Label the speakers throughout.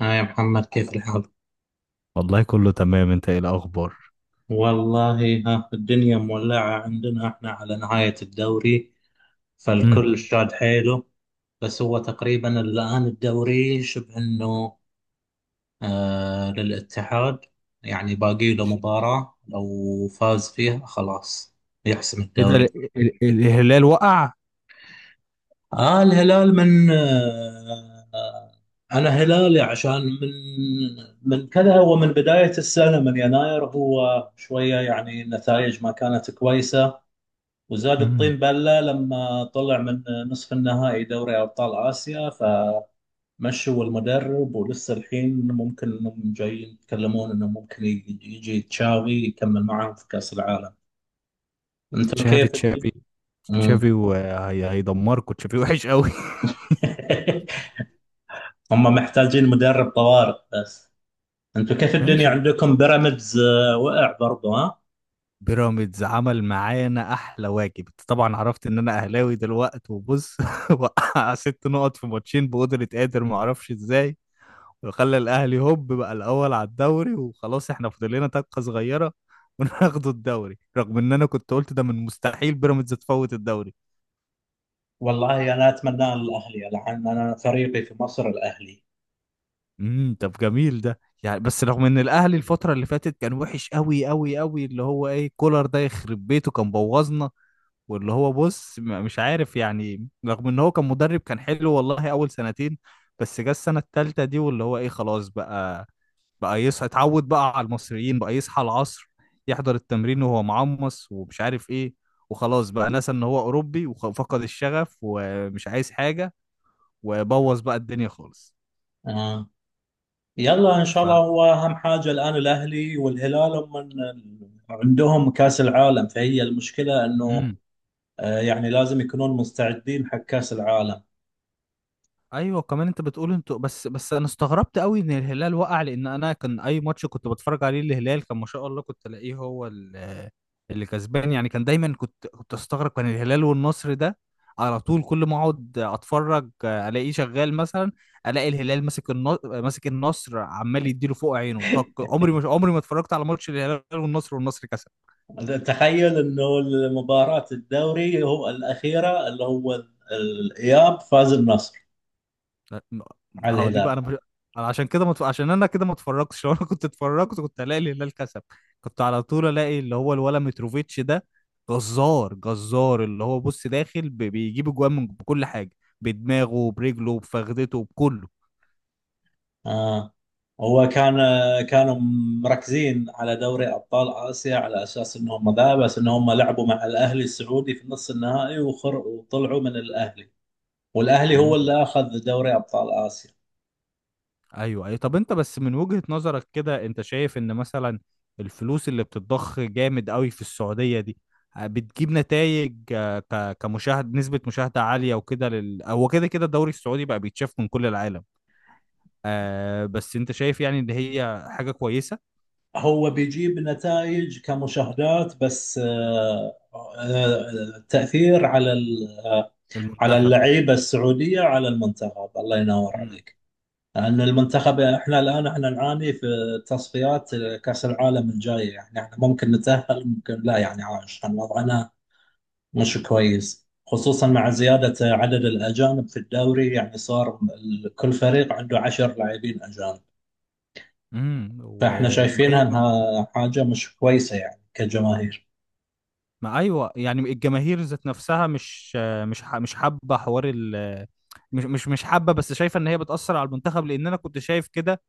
Speaker 1: ها يا محمد، كيف الحال؟
Speaker 2: والله كله تمام، انت ايه الاخبار؟
Speaker 1: والله، ها الدنيا مولعة عندنا، احنا على نهاية الدوري،
Speaker 2: امم.
Speaker 1: فالكل شاد حيله. بس هو تقريبا الآن الدوري شبه انه للاتحاد. يعني باقي له
Speaker 2: ماشي.
Speaker 1: مباراة، لو فاز فيها خلاص يحسم
Speaker 2: ايه ده؟
Speaker 1: الدوري.
Speaker 2: الهلال وقع؟
Speaker 1: آه. الهلال من. أنا هلالي، عشان من كذا. هو من بداية السنة، من يناير، هو شوية يعني النتائج ما كانت كويسة، وزاد الطين
Speaker 2: امم.
Speaker 1: بلة لما طلع من نصف النهائي دوري أبطال آسيا، فمشوا المدرب. ولسه الحين ممكن إنهم جايين يتكلمون إنه ممكن يجي تشاوي يكمل معاهم في كأس العالم. أنتم كيف
Speaker 2: تشافي
Speaker 1: الد-
Speaker 2: تشافي.
Speaker 1: مم.
Speaker 2: تشافي وهيدمركم، تشافي وحش قوي.
Speaker 1: هم محتاجين مدرب طوارئ بس. أنتم كيف الدنيا
Speaker 2: ماشي.
Speaker 1: عندكم؟ بيراميدز وقع برضه، ها؟
Speaker 2: بيراميدز عمل معانا احلى واجب. انت طبعا عرفت ان انا اهلاوي دلوقتي وبص وقع ست نقط في ماتشين بقدرة قادر، ما اعرفش ازاي. وخلى الاهلي هوب بقى الاول على الدوري، وخلاص احنا فاضل لنا طاقة صغيرة وناخدوا الدوري، رغم ان انا كنت قلت ده من مستحيل بيراميدز تفوت الدوري.
Speaker 1: والله أنا أتمنى الأهلي، لأن أنا فريقي في مصر الأهلي.
Speaker 2: امم. طب جميل ده يعني، بس رغم ان الاهلي الفتره اللي فاتت كان وحش قوي قوي قوي. اللي هو ايه، كولر ده يخرب بيته كان بوظنا. واللي هو بص، مش عارف، يعني رغم ان هو كان مدرب كان حلو والله اول سنتين. بس جه السنه الثالثه دي واللي هو ايه، خلاص بقى. بقى يصحى، اتعود بقى على المصريين، بقى يصحى العصر. يحضر التمرين وهو معمص ومش عارف ايه. وخلاص بقى نسى ان هو اوروبي وفقد الشغف ومش عايز حاجه. وبوظ بقى الدنيا خالص.
Speaker 1: يلا ان شاء
Speaker 2: ف
Speaker 1: الله، هو اهم حاجه الان الاهلي والهلال هم عندهم كاس العالم، فهي المشكله انه
Speaker 2: امم.
Speaker 1: يعني لازم يكونون مستعدين حق كاس العالم.
Speaker 2: ايوه، كمان انت بتقول انتوا. بس انا استغربت قوي ان الهلال وقع، لان انا كان اي ماتش كنت بتفرج عليه الهلال كان ما شاء الله، كنت الاقيه هو اللي كسبان يعني. كان دايما كنت استغرب، كان الهلال والنصر ده على طول كل ما اقعد اتفرج الاقيه شغال مثلا. الاقي الهلال ماسك النصر، ماسك النصر عمال يديله فوق عينه طق. عمري ما اتفرجت على ماتش الهلال والنصر والنصر كسب.
Speaker 1: تخيل انه مباراه الدوري، هو الاخيره اللي هو الاياب، فاز النصر
Speaker 2: لا،
Speaker 1: على
Speaker 2: هو دي بقى،
Speaker 1: الهلال.
Speaker 2: انا مش... أنا عشان كده عشان انا كده ما اتفرجتش. لو انا كنت اتفرجت كنت الاقي الهلال كسب. كنت على طول الاقي اللي هو الولا متروفيتش ده جزار، جزار. اللي هو بص داخل، بيجيب اجوان من بكل حاجه، بدماغه برجله بفخدته بكله.
Speaker 1: آه. هو كانوا مركزين على دوري ابطال اسيا، على اساس انهم ذا بس، انهم لعبوا مع الاهلي السعودي في نص النهائي وطلعوا من الاهلي، والاهلي هو اللي اخذ دوري ابطال اسيا.
Speaker 2: ايوه، اي طب انت بس من وجهة نظرك كده، انت شايف ان مثلا الفلوس اللي بتتضخ جامد قوي في السعودية دي بتجيب نتائج كمشاهد، نسبة مشاهدة عالية وكده؟ هو كده كده الدوري السعودي بقى بيتشاف من كل العالم، بس انت شايف يعني ان هي حاجة كويسة؟
Speaker 1: هو بيجيب نتائج كمشاهدات، بس التاثير على ال- آه، على
Speaker 2: المنتخب.
Speaker 1: اللعيبه السعوديه، على المنتخب، الله ينور
Speaker 2: امم.
Speaker 1: عليك. لان المنتخب احنا الان احنا نعاني في تصفيات كاس العالم الجايه، يعني احنا ممكن نتاهل ممكن لا، يعني عشان وضعنا مش كويس، خصوصا مع زياده عدد الاجانب في الدوري. يعني صار كل فريق عنده 10 لاعبين اجانب،
Speaker 2: امم.
Speaker 1: فاحنا
Speaker 2: وما
Speaker 1: شايفينها
Speaker 2: هي.
Speaker 1: انها حاجه مش كويسه يعني كجماهير.
Speaker 2: ما ايوه، يعني الجماهير ذات نفسها مش مش حابة حوار مش حابة، بس شايفة ان هي بتأثر على المنتخب. لان انا كنت شايف كده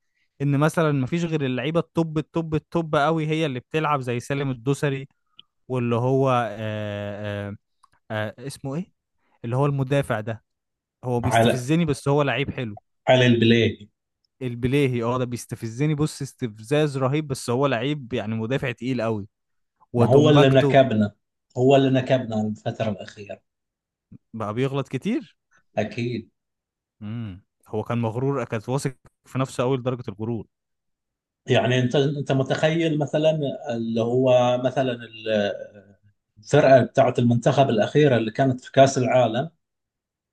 Speaker 2: ان مثلا مفيش غير اللعيبه التوب التوب التوب قوي هي اللي بتلعب، زي سالم الدوسري، واللي هو آه اسمه ايه، اللي هو المدافع ده. هو
Speaker 1: على
Speaker 2: بيستفزني، بس هو لعيب حلو.
Speaker 1: على البلاي.
Speaker 2: البليهي، اه، ده بيستفزني بص، استفزاز رهيب، بس هو لعيب يعني مدافع تقيل قوي
Speaker 1: ما هو اللي
Speaker 2: وتومباكتو.
Speaker 1: نكبنا، هو اللي نكبنا الفتره الاخيره،
Speaker 2: بقى بيغلط كتير.
Speaker 1: اكيد.
Speaker 2: امم، هو كان مغرور، كان واثق في نفسه قوي لدرجه الغرور.
Speaker 1: يعني انت متخيل، مثلا اللي هو مثلا الفرقه بتاعت المنتخب الاخيره اللي كانت في كاس العالم؟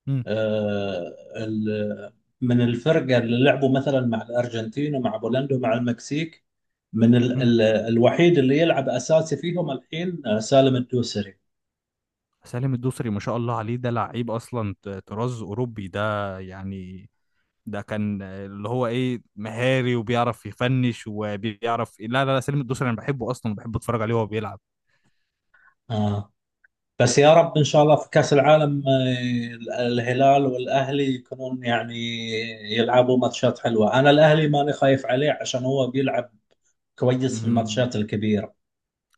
Speaker 2: امم.
Speaker 1: آه، ال- من الفرقه اللي لعبوا مثلا مع الارجنتين ومع بولندا ومع المكسيك، من ال
Speaker 2: امم.
Speaker 1: ال الوحيد اللي يلعب اساسي فيهم الحين سالم الدوسري.
Speaker 2: سالم الدوسري ما شاء الله عليه ده لعيب اصلا، طراز اوروبي ده يعني. ده كان اللي هو ايه مهاري، وبيعرف يفنش وبيعرف إيه. لا لا لا، سليم الدوسري انا بحبه اصلا، وبحب اتفرج عليه وهو بيلعب.
Speaker 1: آه، بس يا رب، ان شاء الله، في كاس العالم الهلال والاهلي يكونون يعني يلعبوا ماتشات حلوه. انا الاهلي ماني خايف عليه عشان هو بيلعب كويس في
Speaker 2: مم.
Speaker 1: الماتشات الكبيره.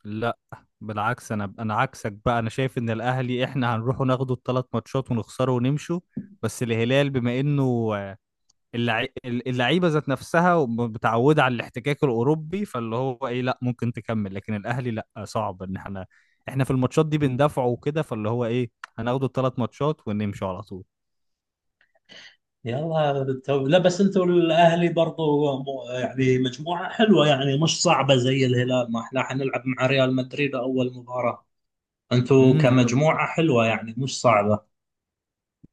Speaker 2: لا، بالعكس، انا عكسك بقى. انا شايف ان الاهلي احنا هنروح ناخده الثلاث ماتشات ونخسره ونمشوا. بس الهلال، بما انه اللعيبه ذات نفسها متعوده على الاحتكاك الاوروبي، فاللي هو ايه، لا ممكن تكمل. لكن الاهلي لا، صعب ان احنا في الماتشات دي بندافعه وكده، فاللي هو ايه، هناخده الثلاث ماتشات ونمشوا على طول.
Speaker 1: يلا لا، بس انتوا الاهلي برضو يعني مجموعه حلوه، يعني مش صعبه زي الهلال، ما احنا حنلعب مع ريال مدريد اول مباراه. انتوا
Speaker 2: امم.
Speaker 1: كمجموعه حلوه، يعني مش صعبه.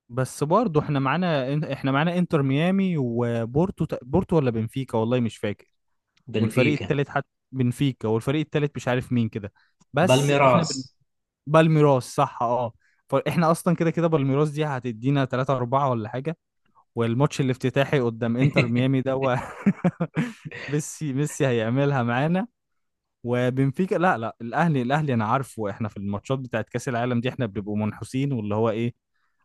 Speaker 2: بس برضه احنا معانا انتر ميامي وبورتو. بورتو ولا بنفيكا، والله مش فاكر. والفريق
Speaker 1: بنفيكا.
Speaker 2: التالت، حتى بنفيكا والفريق التالت مش عارف مين كده. بس احنا بن...
Speaker 1: بالميراس.
Speaker 2: بالميراس، صح اه. فاحنا اصلا كده كده بالميراس دي هتدينا 3 4 ولا حاجه. والماتش الافتتاحي قدام انتر ميامي ده ميسي، ميسي هيعملها معانا. وبنفيكا لا لا، الاهلي، الاهلي انا عارفه احنا في الماتشات بتاعت كاس العالم دي احنا بنبقوا منحوسين، واللي هو ايه،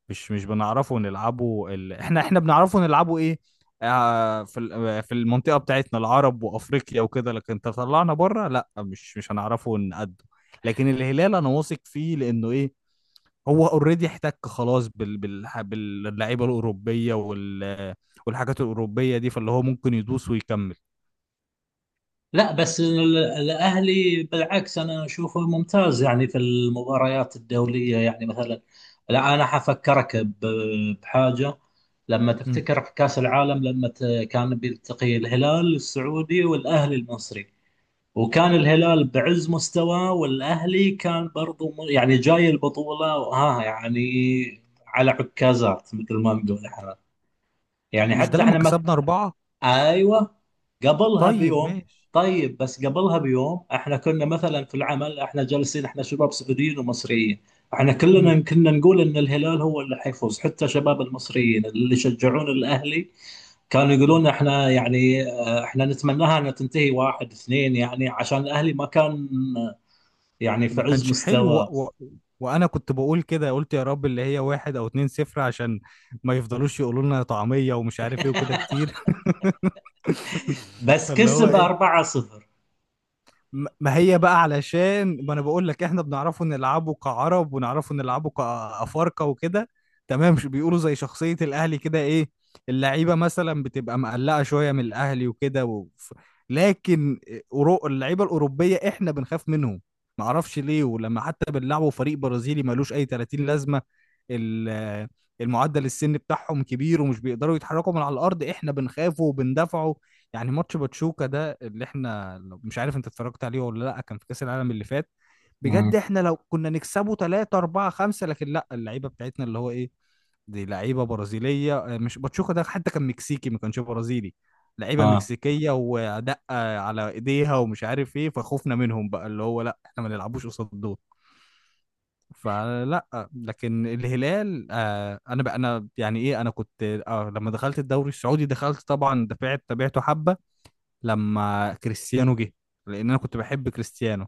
Speaker 2: مش بنعرفه نلعبه احنا بنعرفه نلعبه ايه؟ آه في ال- آه، في المنطقة بتاعتنا، العرب وافريقيا وكده، لكن تطلعنا بره لا، مش هنعرفه نقده. لكن الهلال انا واثق فيه، لانه ايه، هو اوريدي احتك خلاص باللعيبة الاوروبية والحاجات الاوروبية دي، فاللي هو ممكن يدوس ويكمل.
Speaker 1: لا، بس الاهلي بالعكس، انا اشوفه ممتاز يعني في المباريات الدوليه، يعني مثلا. لا، انا حفكرك بحاجه. لما
Speaker 2: مم.
Speaker 1: تفتكر في كاس العالم، كان بيلتقي الهلال السعودي والاهلي المصري، وكان الهلال بعز مستواه، والاهلي كان برضو يعني جاي البطوله، ها، يعني على عكازات، مثل ما نقول احنا، يعني
Speaker 2: مش ده
Speaker 1: حتى
Speaker 2: لما
Speaker 1: احنا.
Speaker 2: كسبنا أربعة؟
Speaker 1: ايوه، قبلها
Speaker 2: طيب
Speaker 1: بيوم.
Speaker 2: ماشي.
Speaker 1: طيب بس قبلها بيوم احنا كنا مثلا في العمل، احنا جالسين، احنا شباب سعوديين ومصريين، احنا كلنا كنا نقول ان الهلال هو اللي حيفوز. حتى شباب المصريين اللي يشجعون الاهلي كانوا
Speaker 2: مم.
Speaker 1: يقولون، احنا يعني احنا نتمناها انها تنتهي 1-2، يعني عشان الاهلي ما كان آه، يعني في
Speaker 2: ما
Speaker 1: عز
Speaker 2: كانش حلو
Speaker 1: مستواه.
Speaker 2: وانا كنت بقول كده، قلت يا رب اللي هي واحد او اتنين صفر، عشان ما يفضلوش يقولوا لنا طعمية ومش عارف ايه وكده كتير.
Speaker 1: بس
Speaker 2: فاللي هو
Speaker 1: كسب
Speaker 2: ايه،
Speaker 1: 4-0.
Speaker 2: ما هي بقى. علشان ما انا بقول لك، احنا بنعرفه نلعبه كعرب ونعرفه نلعبه كافارقه وكده تمام. مش بيقولوا زي شخصيه الاهلي كده ايه، اللعيبه مثلا بتبقى مقلقه شويه من الاهلي وكده لكن اللعيبه الاوروبيه احنا بنخاف منهم، ما اعرفش ليه. ولما حتى بنلعبوا فريق برازيلي ملوش اي 30 لازمه، ال... المعدل السن بتاعهم كبير ومش بيقدروا يتحركوا من على الارض، احنا بنخافوا وبندافعوا. يعني ماتش باتشوكا ده اللي احنا، مش عارف انت اتفرجت عليه ولا لا، كان في كاس العالم اللي فات، بجد
Speaker 1: امم.
Speaker 2: احنا لو كنا نكسبه 3 4 5. لكن لا، اللعيبه بتاعتنا اللي هو ايه، دي لعيبه برازيليه، مش باتشوكا ده حتى كان مكسيكي، ما كانش برازيلي، لعيبه
Speaker 1: اه.
Speaker 2: مكسيكيه ودقه على ايديها ومش عارف ايه. فخوفنا منهم بقى، اللي هو لا، احنا ما نلعبوش قصاد دول. فلا. لكن الهلال انا بقى، انا يعني ايه، انا كنت لما دخلت الدوري السعودي دخلت طبعا دفعت تابعته حبه، لما كريستيانو جه، لان انا كنت بحب كريستيانو،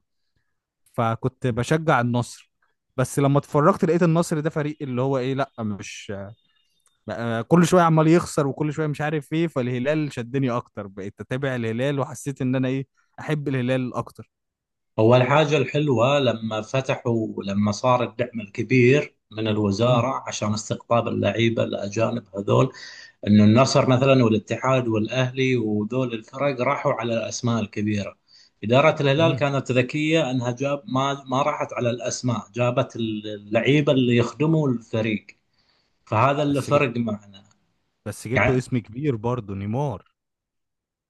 Speaker 2: فكنت بشجع النصر. بس لما اتفرجت لقيت النصر ده فريق اللي هو ايه لا مش، بقى كل شويه عمال يخسر وكل شويه مش عارف ايه. فالهلال شدني اكتر، بقيت اتابع الهلال وحسيت ان انا ايه، احب الهلال اكتر.
Speaker 1: هو الحاجة الحلوة لما فتحوا، لما صار الدعم الكبير من
Speaker 2: امم.
Speaker 1: الوزارة عشان استقطاب اللعيبة الأجانب هذول، إنه النصر مثلا والاتحاد والأهلي وذول الفرق راحوا على الأسماء الكبيرة. إدارة الهلال
Speaker 2: امم.
Speaker 1: كانت ذكية إنها جاب ما راحت على الأسماء، جابت اللعيبة اللي يخدموا الفريق. فهذا اللي
Speaker 2: بس جبت
Speaker 1: فرق معنا.
Speaker 2: بس جبته
Speaker 1: يعني
Speaker 2: اسم كبير برضه، نيمار.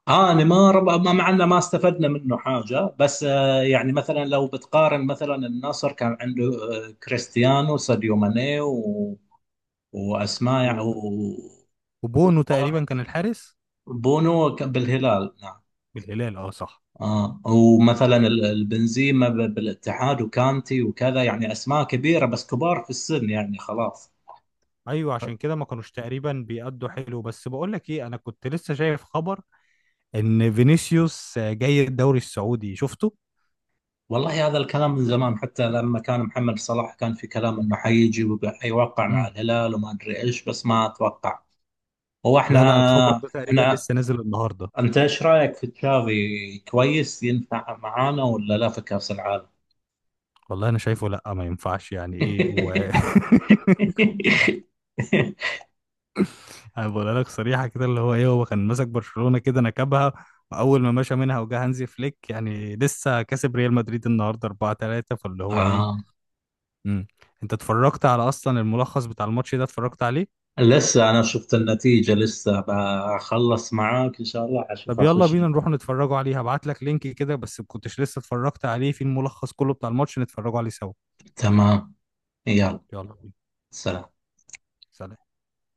Speaker 1: اه يعني ما معنا، ما استفدنا منه حاجه. بس يعني مثلا، لو بتقارن، مثلا النصر كان عنده كريستيانو، ساديو ماني، واسماء،
Speaker 2: و- وبونو تقريبا كان الحارس.
Speaker 1: بونو بالهلال، نعم.
Speaker 2: بالهلال، اه صح.
Speaker 1: اه، ومثلا البنزيما بالاتحاد، وكانتي، وكذا، يعني اسماء كبيره بس كبار في السن، يعني خلاص.
Speaker 2: ايوه عشان كده ما كانوش تقريبا بيأدوا حلو. بس بقول لك ايه، انا كنت لسه شايف خبر ان فينيسيوس جاي الدوري السعودي، شفته؟
Speaker 1: والله هذا الكلام من زمان، حتى لما كان محمد صلاح كان في كلام انه حيجي وحيوقع مع
Speaker 2: امم.
Speaker 1: الهلال وما ادري ايش، بس ما اتوقع. هو احنا
Speaker 2: لا لا، الخبر ده تقريبا
Speaker 1: احنا
Speaker 2: لسه نازل النهارده.
Speaker 1: انت ايش رايك في تشافي؟ كويس ينفع معانا ولا لا في كاس العالم؟
Speaker 2: والله انا شايفه لا ما ينفعش، يعني ايه انا بقول لك صريحه كده، اللي هو ايه، هو كان ماسك برشلونه كده نكبها، واول ما مشى منها وجا هانزي فليك يعني لسه كسب ريال مدريد النهارده 4-3، فاللي هو
Speaker 1: آه.
Speaker 2: ايه. امم. انت اتفرجت على اصلا الملخص بتاع الماتش ده؟ اتفرجت عليه؟
Speaker 1: لسه انا شفت النتيجه، لسه بخلص معاك ان شاء الله اشوف
Speaker 2: طب يلا
Speaker 1: اخش.
Speaker 2: بينا نروح نتفرجوا عليه، هبعت لك لينك كده بس. ما كنتش لسه اتفرجت عليه، في الملخص كله بتاع الماتش، نتفرجوا عليه سوا.
Speaker 1: تمام. يلا.
Speaker 2: يلا.
Speaker 1: سلام.
Speaker 2: سلام.